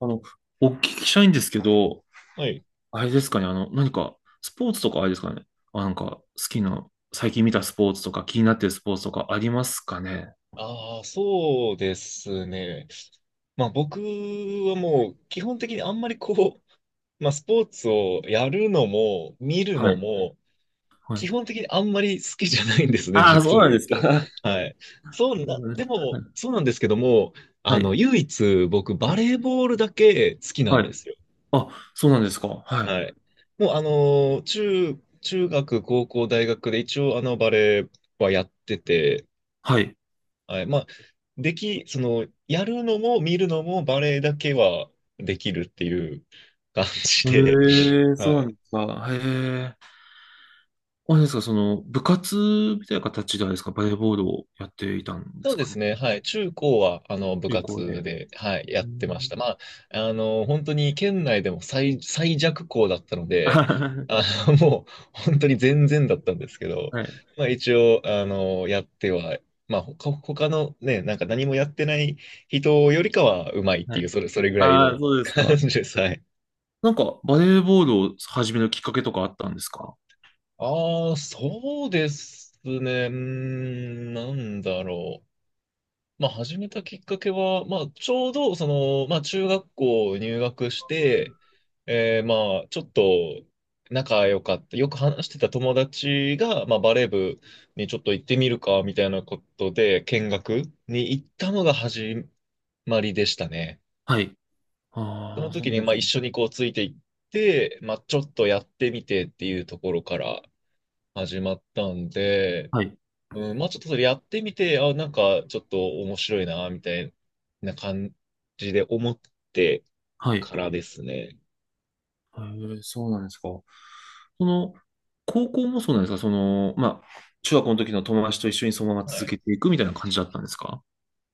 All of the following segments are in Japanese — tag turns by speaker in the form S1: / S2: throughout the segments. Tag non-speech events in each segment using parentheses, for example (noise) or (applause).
S1: あの、お聞きしたいんですけど、
S2: はい。
S1: あれですかね、何か、スポーツとかあれですかね、なんか、好きな、最近見たスポーツとか、気になってるスポーツとかありますかね。
S2: ああ、そうですね。まあ僕はもう基本的にあんまりこう、(laughs) まあスポーツをやるのも見る
S1: は
S2: の
S1: い。
S2: も
S1: は
S2: 基
S1: い。
S2: 本的にあんまり好きじゃないんですね、
S1: ああ、そ
S2: 実
S1: う
S2: を
S1: なん
S2: 言う
S1: ですか。
S2: と。
S1: (laughs)
S2: はい。そ
S1: そ
S2: う
S1: う
S2: な、
S1: なんで
S2: で
S1: す。は
S2: も
S1: い。
S2: そうなんですけども、
S1: は
S2: 唯一僕バ
S1: い。
S2: レーボールだけ好きな
S1: は
S2: ん
S1: い。
S2: ですよ。
S1: あ、そうなんですか。はい。
S2: はい。もう中学、高校、大学で一応バレーはやってて、
S1: はい。
S2: はい。まあ、でき、その、やるのも見るのもバレエだけはできるっていう感じで、(laughs)
S1: へえ、そ
S2: は
S1: うなん
S2: い。
S1: ですか。へえ。あれですか、部活みたいな形であれですか、バレーボールをやっていたんで
S2: そう
S1: す
S2: で
S1: か
S2: す
S1: ね。
S2: ね。はい。中高は、部
S1: 中高
S2: 活
S1: で。
S2: で、はい、や
S1: う
S2: ってまし
S1: ん。
S2: た。
S1: (laughs)
S2: まあ、本当に県内でも最弱校だったの
S1: あ
S2: で、
S1: は
S2: あ
S1: は
S2: (laughs) もう、本当に全然だったんですけど、
S1: はい。
S2: まあ、一応、やっては、まあ、他のね、なんか何もやってない人よりかはうまいって
S1: は
S2: いう、
S1: い。
S2: それぐらい
S1: ああ、
S2: の
S1: そうです
S2: 感
S1: か。
S2: じです。はい。
S1: なんか、バレーボールを始めるきっかけとかあったんですか？
S2: ああ、そうですね。うーん、なんだろう。まあ、始めたきっかけは、まあ、ちょうど、まあ、中学校入学して、まあ、ちょっと仲良かった、よく話してた友達が、まあ、バレー部にちょっと行ってみるか、みたいなことで、見学に行ったのが始まりでしたね。
S1: はい。
S2: そ
S1: あ
S2: の
S1: あ、そう
S2: 時に、
S1: なんで
S2: まあ、
S1: す
S2: 一
S1: ね。
S2: 緒にこう、ついていって、まあ、ちょっとやってみてっていうところから始まったんで、
S1: はい。
S2: うん、まあちょっとそれやってみて、あ、なんかちょっと面白いな、みたいな感じで思って
S1: はい。
S2: からですね。
S1: へえ、そうなんですか。その、高校もそうなんですかまあ、中学校の時の友達と一緒にそのまま
S2: は
S1: 続
S2: い。
S1: けていくみたいな感じだったんですか？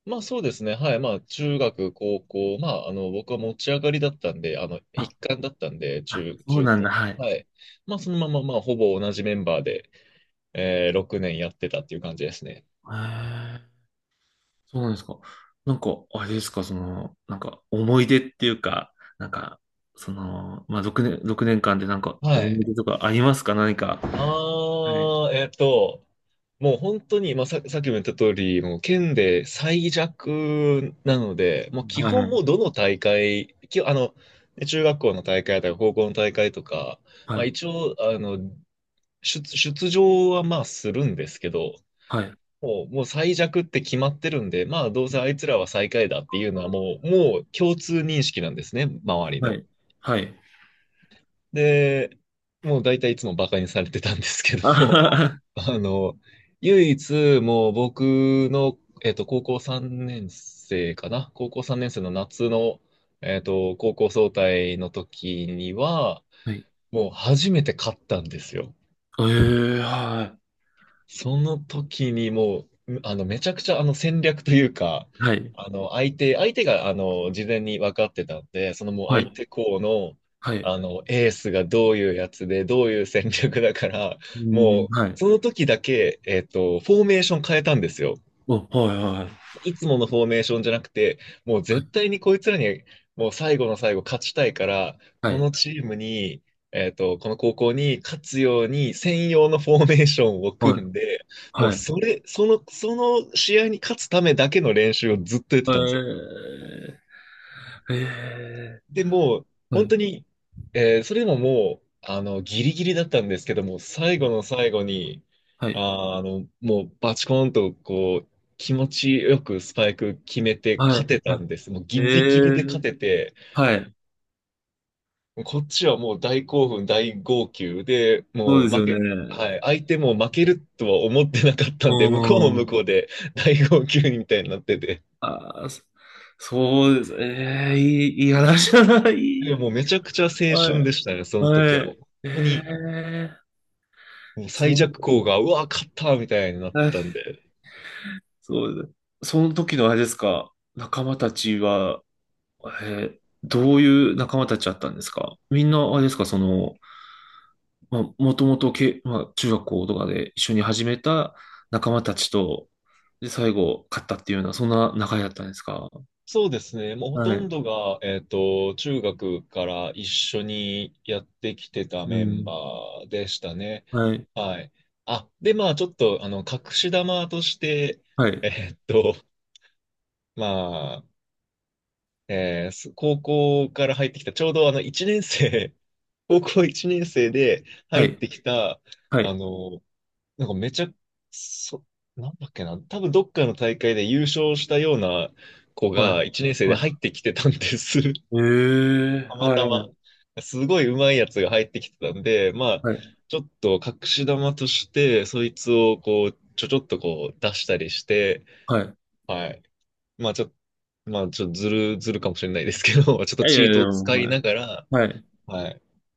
S2: まあそうですね。はい。まあ中学、高校、まあ僕は持ち上がりだったんで、一
S1: あ、
S2: 貫だったんで、
S1: あそう
S2: 中
S1: なんだ。
S2: 高。
S1: はい。へ
S2: はい。まあそのまままあほぼ同じメンバーで、6年やってたっていう感じですね。
S1: え、そうなんですか。なんか、あれですか、なんか、思い出っていうか、なんか、まあ、6年、六年間でなんか、
S2: は
S1: 思
S2: い。
S1: い出とかありますか何か。はい。
S2: ああ、もう本当に、まあ、さっきも言った通り、もう県で最弱なので、もう基
S1: は
S2: 本もう
S1: い。
S2: どの大会、き、あの、中学校の大会とか高校の大会とか、
S1: は
S2: まあ
S1: い。
S2: 一応、出場はまあするんですけど、
S1: はい。
S2: もう最弱って決まってるんで、まあどうせあいつらは最下位だっていうのはもう共通認識なんですね、周り
S1: は
S2: の。
S1: い。はい。(laughs)
S2: で、もう大体いつもバカにされてたんですけど
S1: あ
S2: も、
S1: はは
S2: あの、唯一、もう僕の、高校3年生かな、高校3年生の夏の、高校総体の時には、
S1: はい。
S2: もう初めて勝ったんですよ。
S1: ええはい。
S2: その時にもう、めちゃくちゃ戦略というか、
S1: はい。
S2: 相手が事前に分かってたんで、そのもう
S1: は
S2: 相
S1: い。
S2: 手校の、
S1: はい。
S2: エースがどういうやつで、どういう戦略だから、
S1: うー
S2: も
S1: ん、
S2: う、
S1: はい。
S2: その時だけ、フォーメーション変えたんですよ。
S1: お、はい、はい
S2: いつものフォーメーションじゃなくて、もう
S1: は
S2: 絶
S1: い。
S2: 対にこいつらに、もう最後の最後勝ちたいから、
S1: は
S2: こ
S1: い。
S2: のチームに、この高校に勝つように専用のフォーメーションを
S1: は
S2: 組
S1: い。
S2: んで、もう
S1: はい。
S2: その試合に勝つためだけの練習をずっとやってたんですよ。
S1: ええええ
S2: で、もう、
S1: は
S2: 本当
S1: い。
S2: に、それでももう、ギリギリだったんですけども、最後の最後に、
S1: はい。
S2: もう、バチコーンと、こう、気持ちよくスパイク決めて
S1: は
S2: 勝
S1: い。
S2: て
S1: は
S2: たんです。もう
S1: い。
S2: ギ
S1: え
S2: リギリで勝
S1: え
S2: てて、
S1: はい。
S2: こっちはもう大興奮、大号泣で、
S1: そう
S2: もう
S1: です
S2: 負
S1: よね。
S2: け、はい、相手も負けるとは思ってなかった
S1: う
S2: んで、向こうも
S1: ー
S2: 向こ
S1: ん。
S2: うで大号泣みたいになってて、
S1: ああ、そうです。ええいい話だな。いい
S2: でも
S1: や。
S2: もうめちゃくちゃ青春
S1: は
S2: で
S1: い。
S2: したね、その時は
S1: は
S2: もう。
S1: い。
S2: 本当
S1: え
S2: に
S1: え
S2: もう最
S1: そう。
S2: 弱校が、うわ、勝ったみたいになったんで。
S1: そうです。その時のあれですか、仲間たちは、えどういう仲間たちだったんですかみんなあれですか、まあ、もともとけ、まあ、中学校とかで一緒に始めた仲間たちと、で、最後、勝ったっていうような、そんな仲だったんですか？
S2: そうですね。もうほ
S1: は
S2: とん
S1: い。
S2: どが、中学から一緒にやってきてた
S1: う
S2: メンバ
S1: ん。
S2: ーでしたね。
S1: はい。
S2: はい。あ、で、まあ、ちょっと、隠し玉として、
S1: はい。
S2: えっと、まあ、えーす高校から入ってきた、ちょうど1年生、高校1年生で
S1: は
S2: 入っ
S1: い。
S2: てきた、
S1: は
S2: あ
S1: い。
S2: の、なんかめちゃ、そ、なんだっけな、多分どっかの大会で優勝したような子
S1: はい。
S2: が1年生で入っ
S1: は
S2: てきてたんです。
S1: い。え
S2: (laughs)
S1: え
S2: た
S1: ー
S2: また
S1: は
S2: ま。
S1: い。
S2: すごい上手いやつが入ってきてたんで、まあ、
S1: はい。
S2: ちょっと隠し玉として、そいつをこう、ちょっとこう出したりして、
S1: はい。
S2: はい。まあちょっと、まあちょっとずるかもしれないですけど、(laughs) ちょっと
S1: いやい
S2: チ
S1: や
S2: ー
S1: い
S2: トを
S1: や、
S2: 使い
S1: はい。
S2: ながら、
S1: はい。
S2: はい。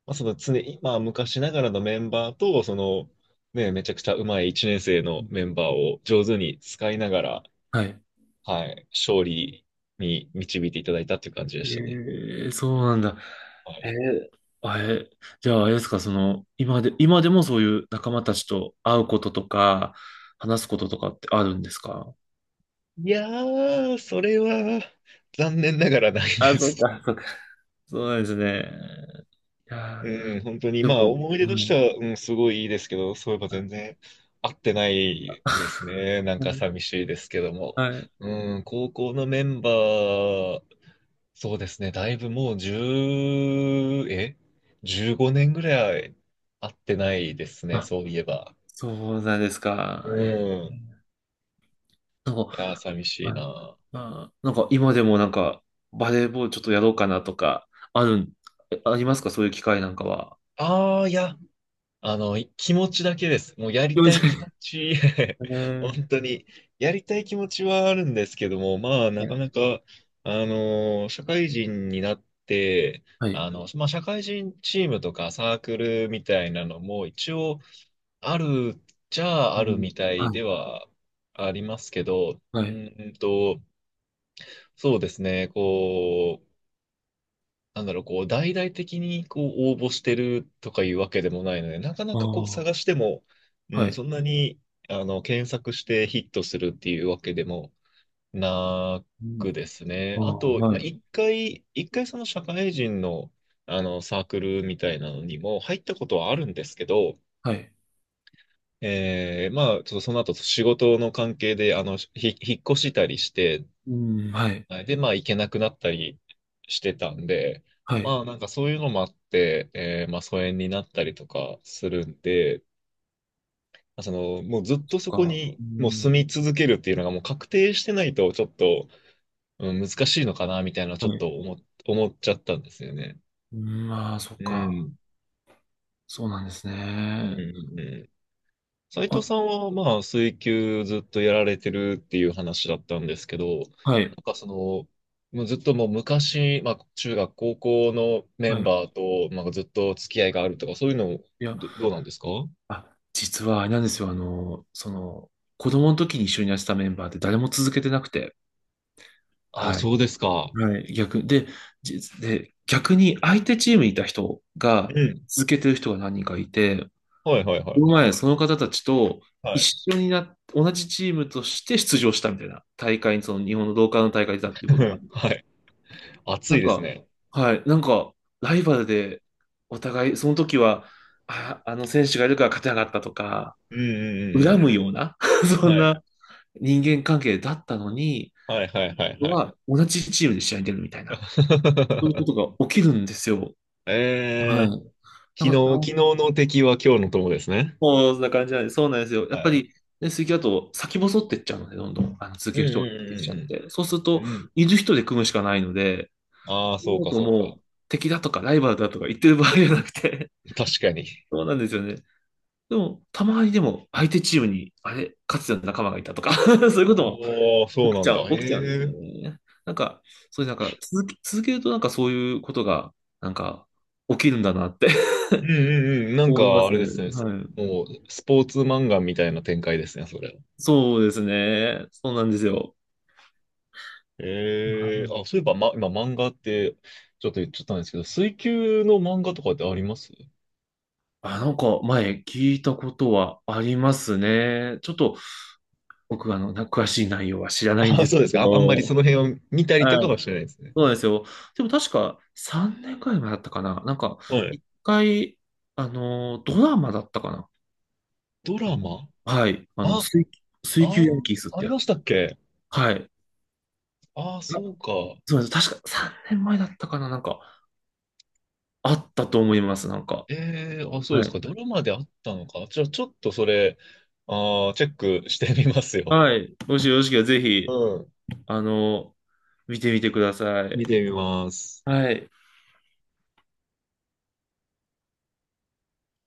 S2: まあ、常に、まあ、昔ながらのメンバーと、ね、めちゃくちゃうまい1年生のメンバーを上手に使いながら、
S1: はい。
S2: はい、勝利に導いていただいたっていう感じで
S1: え
S2: したね。
S1: えーそうなんだ。
S2: は
S1: え
S2: い、
S1: ー、あえ、じゃあ、あれですか、今でもそういう仲間たちと会うこととか、話すこととかってあるんですか？
S2: いやー、それは残念ながらない
S1: あ、
S2: で
S1: そう
S2: す。
S1: か、そうか。そうなんですね。いや
S2: うん、本当に、
S1: ー、で
S2: まあ、
S1: も、
S2: 思い出
S1: う
S2: として
S1: ん。
S2: は、うん、すごいいいですけど、そういえば全然合ってないです
S1: (laughs)
S2: ね。なんか寂しいですけども。
S1: はい。(laughs)
S2: うん、高校のメンバー、そうですね。だいぶもう1え ?15 年ぐらい会ってないですね。
S1: あ、
S2: そういえば。
S1: そうなんです
S2: う
S1: か。
S2: ん。い
S1: ー、なんか、
S2: やー、寂しい
S1: あ、
S2: な。
S1: あなんか今でもなんか、バレーボールちょっとやろうかなとか、あるん、えありますかそういう機会なんかは？
S2: ああ、いや、気持ちだけです。もうや
S1: す
S2: り
S1: いま
S2: たい
S1: せ
S2: 気持
S1: ん。
S2: ち、(laughs)
S1: (laughs) え
S2: 本当に、やりたい気持ちはあるんですけども、まあ、なかな
S1: ー
S2: か、社会人になって、
S1: はい。
S2: まあ、社会人チームとかサークルみたいなのも、一応、あるっちゃ
S1: う
S2: ある
S1: ん
S2: みたい
S1: はい。
S2: ではありますけど、
S1: はい。
S2: そうですね、こう、なんだろう、こう、大々的にこう応募してるとかいうわけでもないので、なかなかこう
S1: あ
S2: 探
S1: あ、
S2: しても、う
S1: は
S2: ん、
S1: い。
S2: そんなに、検索してヒットするっていうわけでもな
S1: うん、
S2: くですね。
S1: ああ、
S2: あと、ま
S1: は
S2: あ、
S1: い。
S2: 一回その社会人の、サークルみたいなのにも入ったことはあるんですけど、
S1: はい。
S2: まあ、ちょっとその後、仕事の関係で、引っ越したりして、
S1: うん、はい。
S2: はい。で、まあ、行けなくなったりしてたんで、
S1: はい。
S2: まあ、なんかそういうのもあって、まあ、疎遠になったりとかするんで、まあその、もうずっ
S1: そ
S2: と
S1: っ
S2: そこ
S1: か。
S2: に、
S1: う
S2: もう住
S1: ん、
S2: み続けるっていうのがもう確定してないと、ちょっと、うん、難しいのかな、みたいな、ち
S1: は
S2: ょっ
S1: い。
S2: と思っちゃったんですよね。
S1: うん、まあ、そっ
S2: う
S1: か。
S2: ん。
S1: そうなんです
S2: う
S1: ね。
S2: ん、うん、斉
S1: あ、
S2: 藤さんは、まあ、水球ずっとやられてるっていう話だったんですけど、な
S1: はい。
S2: んかその、もうずっともう昔、まあ、中学、高校のメ
S1: は
S2: ン
S1: い。
S2: バーと、まあ、ずっと付き合いがあるとか、そういうの、
S1: いや、
S2: どうなんですか？
S1: あ、実はあれなんですよ。子供の時に一緒にやってたメンバーって誰も続けてなくて。
S2: あ、
S1: はい。
S2: そうですか。
S1: はい。逆、で、じで、逆に相手チームにいた人
S2: う
S1: が
S2: ん。
S1: 続けてる人が何人かいて、
S2: はい、はい、はい、
S1: この
S2: はい。
S1: 前、その方たちと一
S2: はい。
S1: 緒になっ、同じチームとして出場したみたいな大会に、その日本の同感の大会だっていうことがある
S2: (laughs)
S1: んです
S2: は
S1: よ。
S2: い。暑
S1: な
S2: い
S1: ん
S2: です
S1: か、
S2: ね。
S1: はい、なんか、ライバルで、お互い、その時は、あ、あの選手がいるから勝てなかったとか、
S2: うん、うん、う
S1: 恨
S2: ん、
S1: むような、(laughs)
S2: うん。
S1: そん
S2: はい。
S1: な人間関係だったのに、
S2: はい、はい、は
S1: こ
S2: い、
S1: こ
S2: はい。
S1: は同じチームで試合に出るみたいな、そういうこと
S2: (laughs)
S1: が起きるんですよ。
S2: え
S1: はい。
S2: ー、昨
S1: なんか、
S2: 昨日の敵は今日の友ですね。
S1: もうそんな感じなんで、そうなんですよ。や
S2: は
S1: っぱ
S2: い。
S1: り、ね、水球だと先細ってっちゃうので、どんどん続
S2: う
S1: け
S2: ん、
S1: る人が出てきちゃっ
S2: う
S1: て。そうする
S2: ん、うん、うん、
S1: と、
S2: うん。うん。
S1: いる人で組むしかないので、
S2: ああ、そうか、そう
S1: も
S2: か。
S1: う敵だとかライバルだとか言ってる場合じゃなくて、
S2: (laughs) 確かに。
S1: (laughs) そうなんですよね。でも、たまにでも相手チームに、あれ、かつての仲間がいたとか (laughs) そういうこと
S2: おー、そ
S1: も
S2: う
S1: 起き
S2: な
S1: ち
S2: ん
S1: ゃ
S2: だ。
S1: う、
S2: へ
S1: 起きちゃうんです
S2: え。
S1: ね。なんか、そういうなんか続けるとなんかそういうことが、なんか、起きるんだなって
S2: うん、うん、うん。な
S1: (laughs)
S2: ん
S1: 思いま
S2: か、あ
S1: す。
S2: れですね。
S1: はい。
S2: もう、スポーツ漫画みたいな展開ですね、それ。
S1: そうですね。そうなんですよ。あ
S2: ええ、
S1: の
S2: あ、そういえば、ま、今、漫画って、ちょっと言っちゃったんですけど、水球の漫画とかってあります？
S1: なんか前聞いたことはありますね。ちょっと僕詳しい内容は知ら
S2: (laughs)
S1: ないん
S2: あ、
S1: で
S2: そ
S1: す
S2: う
S1: け
S2: ですか。あ、あんまりそ
S1: ど。
S2: の辺を見たりと
S1: は
S2: かは
S1: い。
S2: してないですね。
S1: そうなんですよ。でも確か3年くらい前だったかな。なんか、
S2: はい。
S1: 一回、ドラマだったかな。
S2: ド
S1: あ
S2: ラ
S1: の、
S2: マ。
S1: はい。
S2: あ、
S1: 水、水球ヤンキースっ
S2: あ
S1: て
S2: り
S1: や
S2: ま
S1: つ。
S2: したっけ？
S1: はい。
S2: ああー、
S1: な
S2: そうか。
S1: そうなんです。確か3年前だったかな。なんか、あったと思います。なんか。
S2: ええ、あ、そうで
S1: は
S2: す
S1: い。
S2: か。ドラマであったのか。じゃあ、ちょっとそれ、あチェックしてみますよ。
S1: はい。もしよろしければぜ
S2: う
S1: ひ、
S2: ん。
S1: あの、見てみてください。
S2: 見てみます。
S1: はい。